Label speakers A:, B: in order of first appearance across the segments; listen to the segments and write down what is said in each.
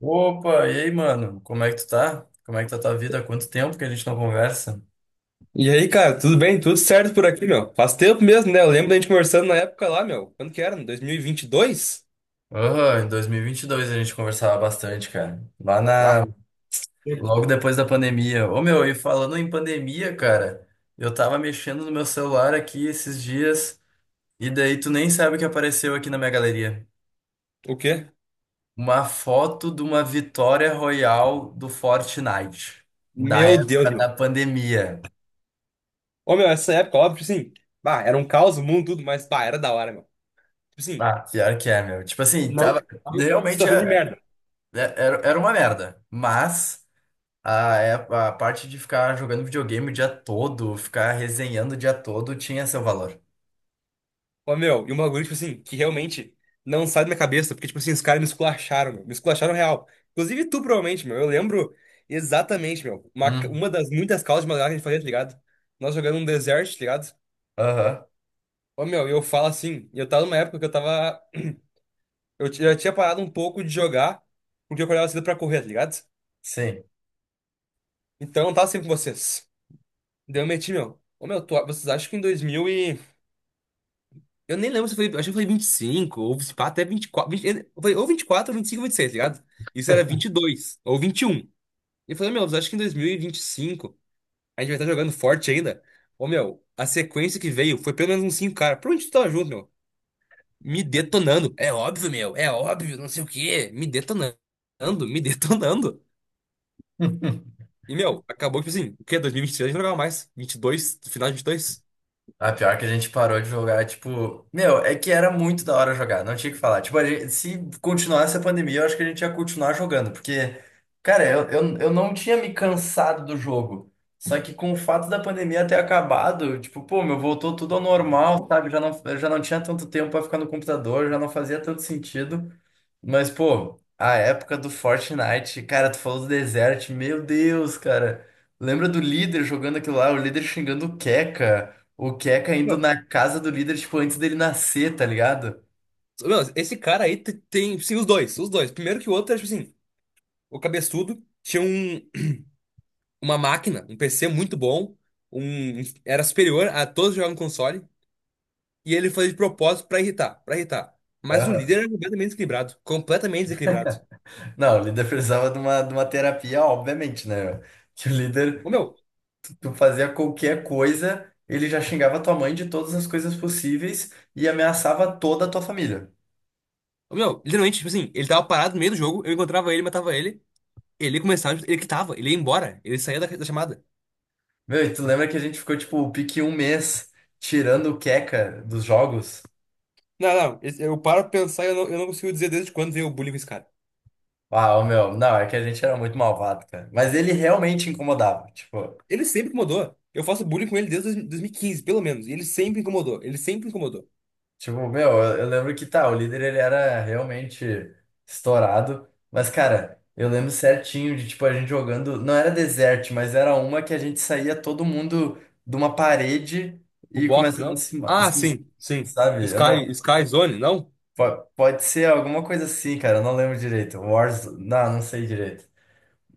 A: Opa, e aí, mano? Como é que tu tá? Como é que tá tua vida? Há quanto tempo que a gente não conversa?
B: E aí, cara, tudo bem? Tudo certo por aqui, meu? Faz tempo mesmo, né? Eu lembro da gente conversando na época lá, meu. Quando que era? 2022?
A: Aham, em 2022 a gente conversava bastante, cara. Lá
B: Ah.
A: na... Logo depois da pandemia. Ô, meu, e falando em pandemia, cara, eu tava mexendo no meu celular aqui esses dias e daí tu nem sabe o que apareceu aqui na minha galeria.
B: O quê?
A: Uma foto de uma vitória royal do Fortnite, da
B: Meu Deus,
A: época da
B: meu.
A: pandemia.
B: Ô, meu, essa época, óbvio, tipo assim, bah, era um caos, o mundo, tudo, mas, bah, era da hora, meu. Tipo assim,
A: Ah, pior que é, meu. Tipo assim, tava...
B: não,
A: Realmente
B: situação de
A: é.
B: merda.
A: Era, era uma merda. Mas a parte de ficar jogando videogame o dia todo, ficar resenhando o dia todo, tinha seu valor.
B: Ô, meu, e um bagulho, tipo assim, que realmente não sai da minha cabeça, porque, tipo assim, os caras me esculacharam, meu, me esculacharam real. Inclusive tu, provavelmente, meu, eu lembro exatamente, meu, uma,
A: Hum.
B: uma das muitas causas de madrugada que a gente fazia, tá ligado? Nós jogando um deserto, tá ligado?
A: Aham,
B: Ô, meu, eu falo assim, eu tava numa época que eu tava. Eu tinha parado um pouco de jogar, porque eu acordava cedo pra correr, tá ligado?
A: sim.
B: Então eu não tava sempre com vocês. Daí eu meti, meu. Ô, meu, vocês acham que em 2000 e. Eu nem lembro se foi. Acho que foi 25 ou se pá, até 24, 20 eu falei, ou 24, ou 25, ou 26, tá ligado? Isso era 22 ou vinte e um. E eu falei, meu, vocês acham que em dois mil e vinte e cinco a gente vai estar jogando forte ainda? Ô, meu, a sequência que veio foi pelo menos uns 5, caras. Por onde tu tava junto, meu? Me detonando. É óbvio, meu, é óbvio, não sei o quê. Me detonando, me detonando. E, meu, acabou que, assim, o quê? 2023 eu não jogava mais. 22, final de 22.
A: Ah, pior que a gente parou de jogar, tipo, meu, é que era muito da hora jogar, não tinha o que falar. Tipo, se continuasse a pandemia, eu acho que a gente ia continuar jogando, porque, cara, eu não tinha me cansado do jogo. Só que com o fato da pandemia ter acabado, tipo, pô, meu, voltou tudo ao normal, sabe? Já não, eu já não tinha tanto tempo pra ficar no computador, já não fazia tanto sentido. Mas, pô, a época do Fortnite, cara, tu falou do Desert, meu Deus, cara. Lembra do líder jogando aquilo lá, o líder xingando o Keka indo
B: Meu,
A: na casa do líder, tipo, antes dele nascer, tá ligado?
B: meu, esse cara aí tem, sim, os dois, os dois. Primeiro que o outro, tipo assim, o cabeçudo tinha uma máquina, um PC muito bom, um, era superior a todos que jogavam no console, e ele fazia de propósito pra irritar, pra irritar. Mas o
A: Aham.
B: líder era completamente desequilibrado, completamente desequilibrado.
A: Não, o líder precisava de uma terapia, obviamente, né? Que o
B: Ô,
A: líder,
B: meu,
A: tu fazia qualquer coisa, ele já xingava tua mãe de todas as coisas possíveis e ameaçava toda a tua família.
B: Meu, literalmente, tipo assim, ele tava parado no meio do jogo, eu encontrava ele, matava ele, ele começava, ele quitava, ele ia embora, ele saía da chamada.
A: Meu, e tu lembra que a gente ficou, tipo, o pique um mês tirando o Keka dos jogos?
B: Não, não, eu paro pra pensar e eu não consigo dizer desde quando veio o bullying com esse cara.
A: Uau, meu, não, é que a gente era muito malvado, cara. Mas ele realmente incomodava.
B: Ele sempre incomodou. Eu faço bullying com ele desde 2015, pelo menos. E ele sempre incomodou. Ele sempre incomodou.
A: Tipo, meu, eu lembro que tá, o líder ele era realmente estourado. Mas, cara, eu lembro certinho de, tipo, a gente jogando. Não era desert, mas era uma que a gente saía todo mundo de uma parede
B: O
A: e
B: box,
A: começava a
B: não?
A: se.
B: Ah,
A: Assim,
B: sim, sim.
A: sabe? Eu
B: Sky,
A: não,
B: Sky Zone, não?
A: po- pode ser alguma coisa assim, cara. Eu não lembro direito. Wars. Não, não sei direito.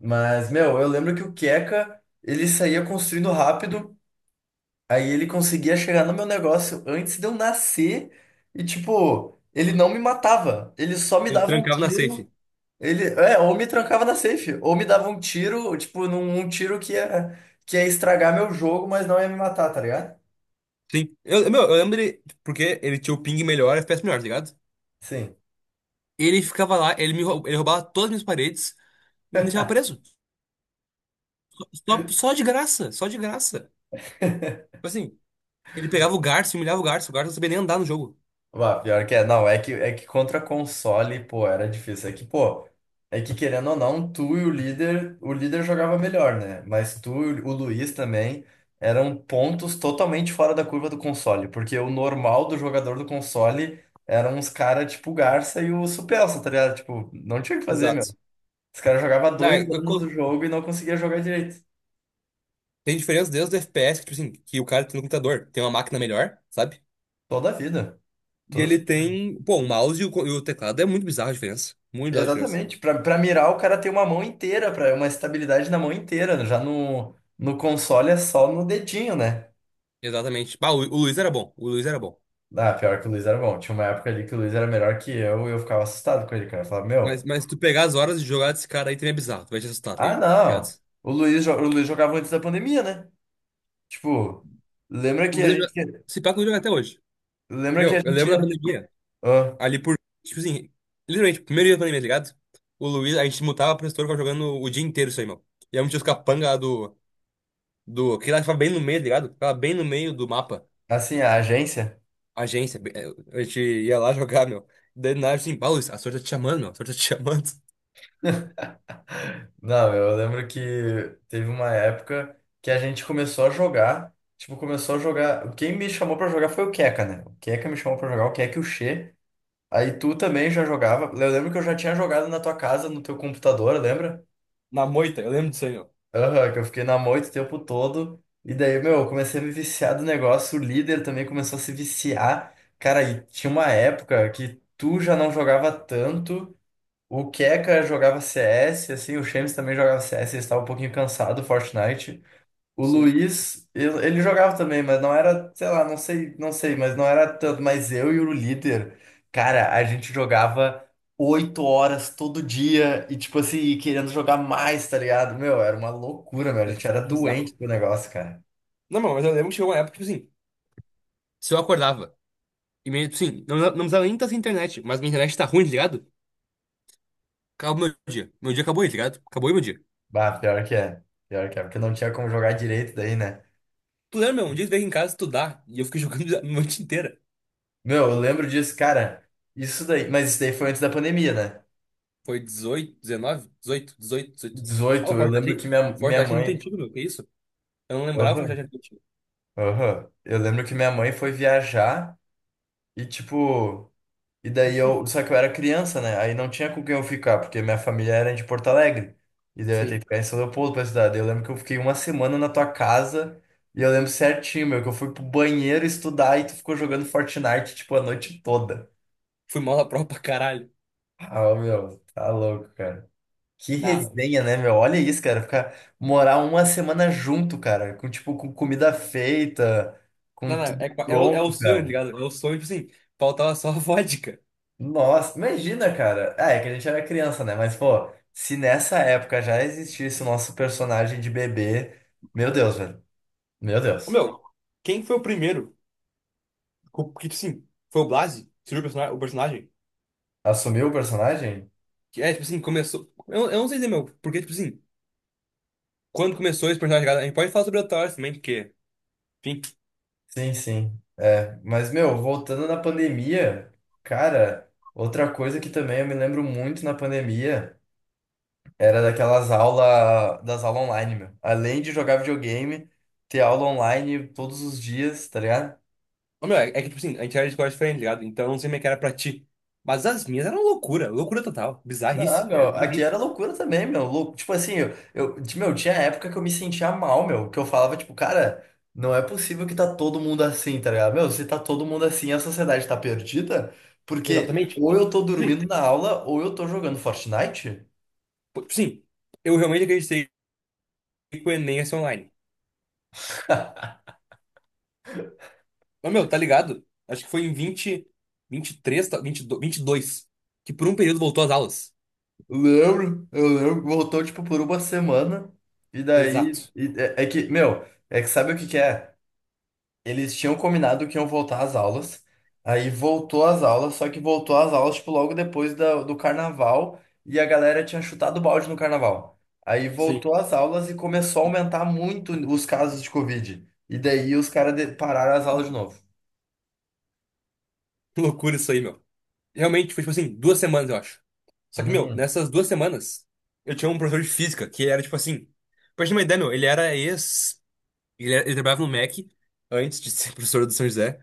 A: Mas, meu, eu lembro que o Keka, ele saía construindo rápido. Aí ele conseguia chegar no meu negócio antes de eu nascer e, tipo, ele não me matava. Ele só me
B: Ele
A: dava um
B: trancava na
A: tiro.
B: safe.
A: Ele, é, ou me trancava na safe, ou me dava um tiro, tipo, num um tiro que ia estragar meu jogo, mas não ia me matar, tá ligado?
B: Sim. Eu lembro ele, porque ele tinha o ping melhor, FPS melhor, tá ligado?
A: Sim.
B: Ele ficava lá, ele roubava todas as minhas paredes e me deixava preso. Só de graça, só de graça. Tipo assim, ele pegava o Garça e humilhava o Garça. O Garça não sabia nem andar no jogo.
A: Bah, pior que é, não, é que contra console, pô, era difícil. É que querendo ou não, tu e o líder jogava melhor, né? Mas tu e o Luiz também eram pontos totalmente fora da curva do console, porque o normal do jogador do console eram uns caras tipo o Garça e o Supelsa, tá ligado? Tipo, não tinha o que fazer, meu.
B: Exato.
A: Os caras jogavam
B: Não,
A: dois anos do jogo e não conseguia jogar direito.
B: tem diferença desde o FPS, que, tipo assim, que o cara tem no computador, tem uma máquina melhor, sabe?
A: Toda a vida.
B: E ele tem, pô, o mouse e o teclado. É muito bizarra a diferença. Muito bizarra a diferença.
A: Exatamente. Pra mirar, o cara tem uma mão inteira, para uma estabilidade na mão inteira. Já no console é só no dedinho, né?
B: Exatamente. Bah, o Luiz era bom. O Luiz era bom.
A: Ah, pior que o Luiz era bom. Tinha uma época ali que o Luiz era melhor que eu e eu ficava assustado com ele, cara. Eu falava,
B: Mas,
A: meu,
B: mas tu pegar as horas de jogar desse cara aí também é bizarro. Tu vai te assustar, tá
A: ah,
B: ligado?
A: não. O Luiz jogava antes da pandemia, né? Tipo, lembra
B: O
A: que a
B: Luiz,
A: gente.
B: se pá, que o Luiz joga até hoje.
A: Lembra que a
B: Meu, eu
A: gente.
B: lembro da pandemia.
A: Ah,
B: Ali por. Tipo assim, literalmente, primeiro dia da pandemia, tá ligado? O Luiz, a gente mutava pro setor, ficava jogando o dia inteiro isso aí, meu. E aí um tio capanga lá do que lá ficava bem no meio, tá ligado? Ficava bem no meio do mapa.
A: assim, a agência.
B: Agência. A gente ia lá jogar, meu. Daí nada assim, pá, Luiz, a sorte tá te chamando, meu. A sorte tá te chamando.
A: Não, eu lembro que teve uma época que a gente começou a jogar. Tipo, começou a jogar. Quem me chamou pra jogar foi o Keka, né? O Keka me chamou pra jogar, o Keka e o Xê. Aí tu também já jogava. Eu lembro que eu já tinha jogado na tua casa, no teu computador, lembra?
B: Na moita, eu lembro disso aí, meu.
A: Aham, que eu fiquei na moita o tempo todo. E daí, meu, eu comecei a me viciar do negócio. O líder também começou a se viciar. Cara, e tinha uma época que tu já não jogava tanto. O Keka jogava CS, assim, o Shemes também jogava CS, ele estava um pouquinho cansado, do Fortnite. O
B: Sim.
A: Luiz, ele jogava também, mas não era, sei lá, não sei, mas não era tanto. Mas eu e o líder, cara, a gente jogava 8 horas todo dia e, tipo assim, e querendo jogar mais, tá ligado? Meu, era uma loucura, meu, a
B: É
A: gente era
B: bizarro.
A: doente do negócio, cara.
B: Não, meu, mas eu lembro que chegou uma época, tipo assim, se eu acordava. E meio, tipo assim, não, não precisava nem estar sem internet, mas minha internet tá ruim, tá ligado? Acabou meu dia. Meu dia acabou aí, tá ligado? Acabou aí meu dia.
A: Bah, pior que é, porque não tinha como jogar direito daí, né?
B: Tu lembra, meu? Um dia tu veio aqui em casa estudar e eu fiquei jogando a noite inteira.
A: Meu, eu lembro disso, cara, mas isso daí foi antes da pandemia, né?
B: Foi 18, 19, 18, 18, 18. Ah,
A: 18
B: o
A: eu lembro que
B: Fortnite, o
A: minha
B: Fortnite é muito
A: mãe.
B: antigo, meu. Que isso? Eu não lembrava o Fortnite
A: Aham,
B: era muito antigo.
A: aham. Eu lembro que minha mãe foi viajar e, tipo. E daí eu. Só que eu era criança, né? Aí não tinha com quem eu ficar, porque minha família era de Porto Alegre. E daí eu ia ter que
B: Sim.
A: ficar em São Leopoldo pra estudar. Daí eu lembro que eu fiquei uma semana na tua casa e eu lembro certinho, meu, que eu fui pro banheiro estudar e tu ficou jogando Fortnite, tipo, a noite toda.
B: Fui mal na prova pra caralho.
A: Ah, meu, tá louco, cara. Que
B: Não,
A: resenha, né, meu? Olha isso, cara. Ficar morar uma semana junto, cara. Com, tipo, com comida feita, com
B: não, não.
A: tudo
B: É o
A: pronto,
B: sonho, tá
A: cara.
B: ligado? É o sonho, tipo assim, faltava só a vodka.
A: Nossa, imagina, cara. Ah, é que a gente era criança, né? Mas, pô, se nessa época já existisse o nosso personagem de bebê. Meu Deus, velho. Meu
B: Ô,
A: Deus.
B: meu, quem foi o primeiro? Que, tipo assim, foi o Blasi? Surgiu o personagem? O personagem?
A: Assumiu o personagem?
B: Que é, tipo assim, começou. Eu não sei dizer, meu, porque, tipo assim, quando começou esse personagem, tá ligado? A gente pode falar sobre o Thor também, porque. Enfim.
A: Sim, sim. É. Mas, meu, voltando na pandemia, cara, outra coisa que também eu me lembro muito na pandemia. Era daquelas aulas, das aulas online, meu. Além de jogar videogame, ter aula online todos os dias, tá ligado?
B: Ô, meu, é que, tipo assim, a gente era de escola diferente, tá ligado? Então, eu não sei como é que era pra ti. Mas as minhas eram loucura, loucura total.
A: Não,
B: Bizarrice, era
A: meu, aqui
B: bizarrice.
A: era loucura também, meu. Tipo assim, meu, tinha época que eu me sentia mal, meu, que eu falava, tipo, cara, não é possível que tá todo mundo assim, tá ligado? Meu, se tá todo mundo assim, a sociedade tá perdida, porque
B: Exatamente.
A: ou
B: Tipo,
A: eu tô
B: isso aí.
A: dormindo na aula, ou eu tô jogando Fortnite.
B: Pô, tipo assim, eu realmente acreditei que o Enem ia ser online. Mas, meu, tá ligado? Acho que foi em 22, dois vinte e dois, que por um período voltou às aulas.
A: Lembro, eu lembro, voltou, tipo, por uma semana,
B: Exato.
A: é que, meu, é que sabe o que que é? Eles tinham combinado que iam voltar às aulas. Aí voltou às aulas, só que voltou às aulas, tipo, logo do carnaval. E a galera tinha chutado o balde no carnaval. Aí
B: Sim.
A: voltou às aulas e começou a aumentar muito os casos de Covid. E daí pararam as aulas de novo.
B: Loucura isso aí, meu. Realmente, foi, tipo assim, 2 semanas, eu acho. Só que, meu,
A: Uhum.
B: nessas 2 semanas, eu tinha um professor de física que era, tipo assim... Pra gente ter uma ideia, meu. Ele era ex Ele, era- ele trabalhava no Mac antes de ser professor do São José.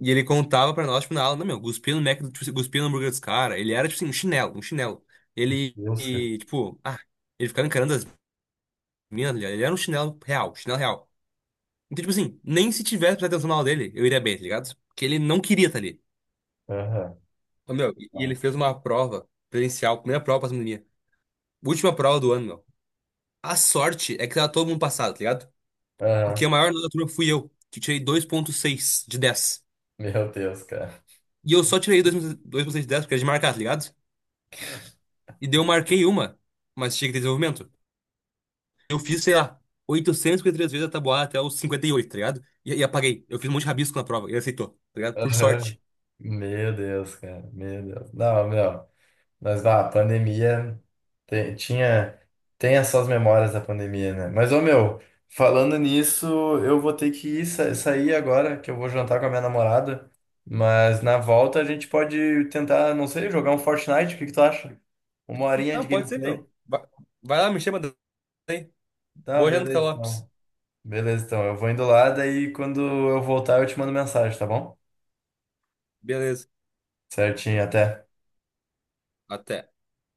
B: E ele contava pra nós, tipo, na aula, não, meu, cuspia no Mac, tipo, cuspia no hambúrguer dos caras. Ele era, tipo assim, um chinelo, um chinelo. Ele,
A: Deus, cara.
B: e, tipo, ah, ele ficava encarando as minas, tá ligado? Ele era um chinelo real, chinelo real. Então, tipo assim, nem se tivesse prestado atenção na aula dele, eu iria bem, tá ligado? Porque ele não queria estar ali.
A: Aham.
B: Então, meu, e ele fez uma prova presencial, primeira prova pra pandemia. Última prova do ano, meu. A sorte é que tava todo mundo passado, tá ligado? Porque
A: Aham.
B: a maior nota da turma fui eu, que tirei 2,6 de dez.
A: Meu Deus, cara.
B: E eu só tirei dois por cento de 10 porque era de marcar, tá ligado? E daí eu marquei uma, mas tinha que ter desenvolvimento. Eu fiz, sei lá, 853 vezes a tabuada até os 58, tá ligado? E apaguei. Eu fiz um monte de rabisco na prova, ele aceitou, tá ligado? Por
A: Aham.
B: sorte.
A: Meu Deus, cara. Meu Deus. Não, meu. Mas a pandemia tem, tinha, tem essas memórias da pandemia, né? Mas, ô meu, falando nisso, eu vou ter que ir, sair agora, que eu vou jantar com a minha namorada. Mas na volta a gente pode tentar, não sei, jogar um Fortnite, o que que tu acha? Uma horinha
B: Não,
A: de
B: pode ser, meu.
A: gameplay?
B: Vai lá, me chama daí.
A: Tá,
B: Boa janta,
A: beleza
B: Lopes.
A: então. Beleza então, eu vou indo lá, daí quando eu voltar eu te mando mensagem, tá bom?
B: Beleza.
A: Certinho, até.
B: Até.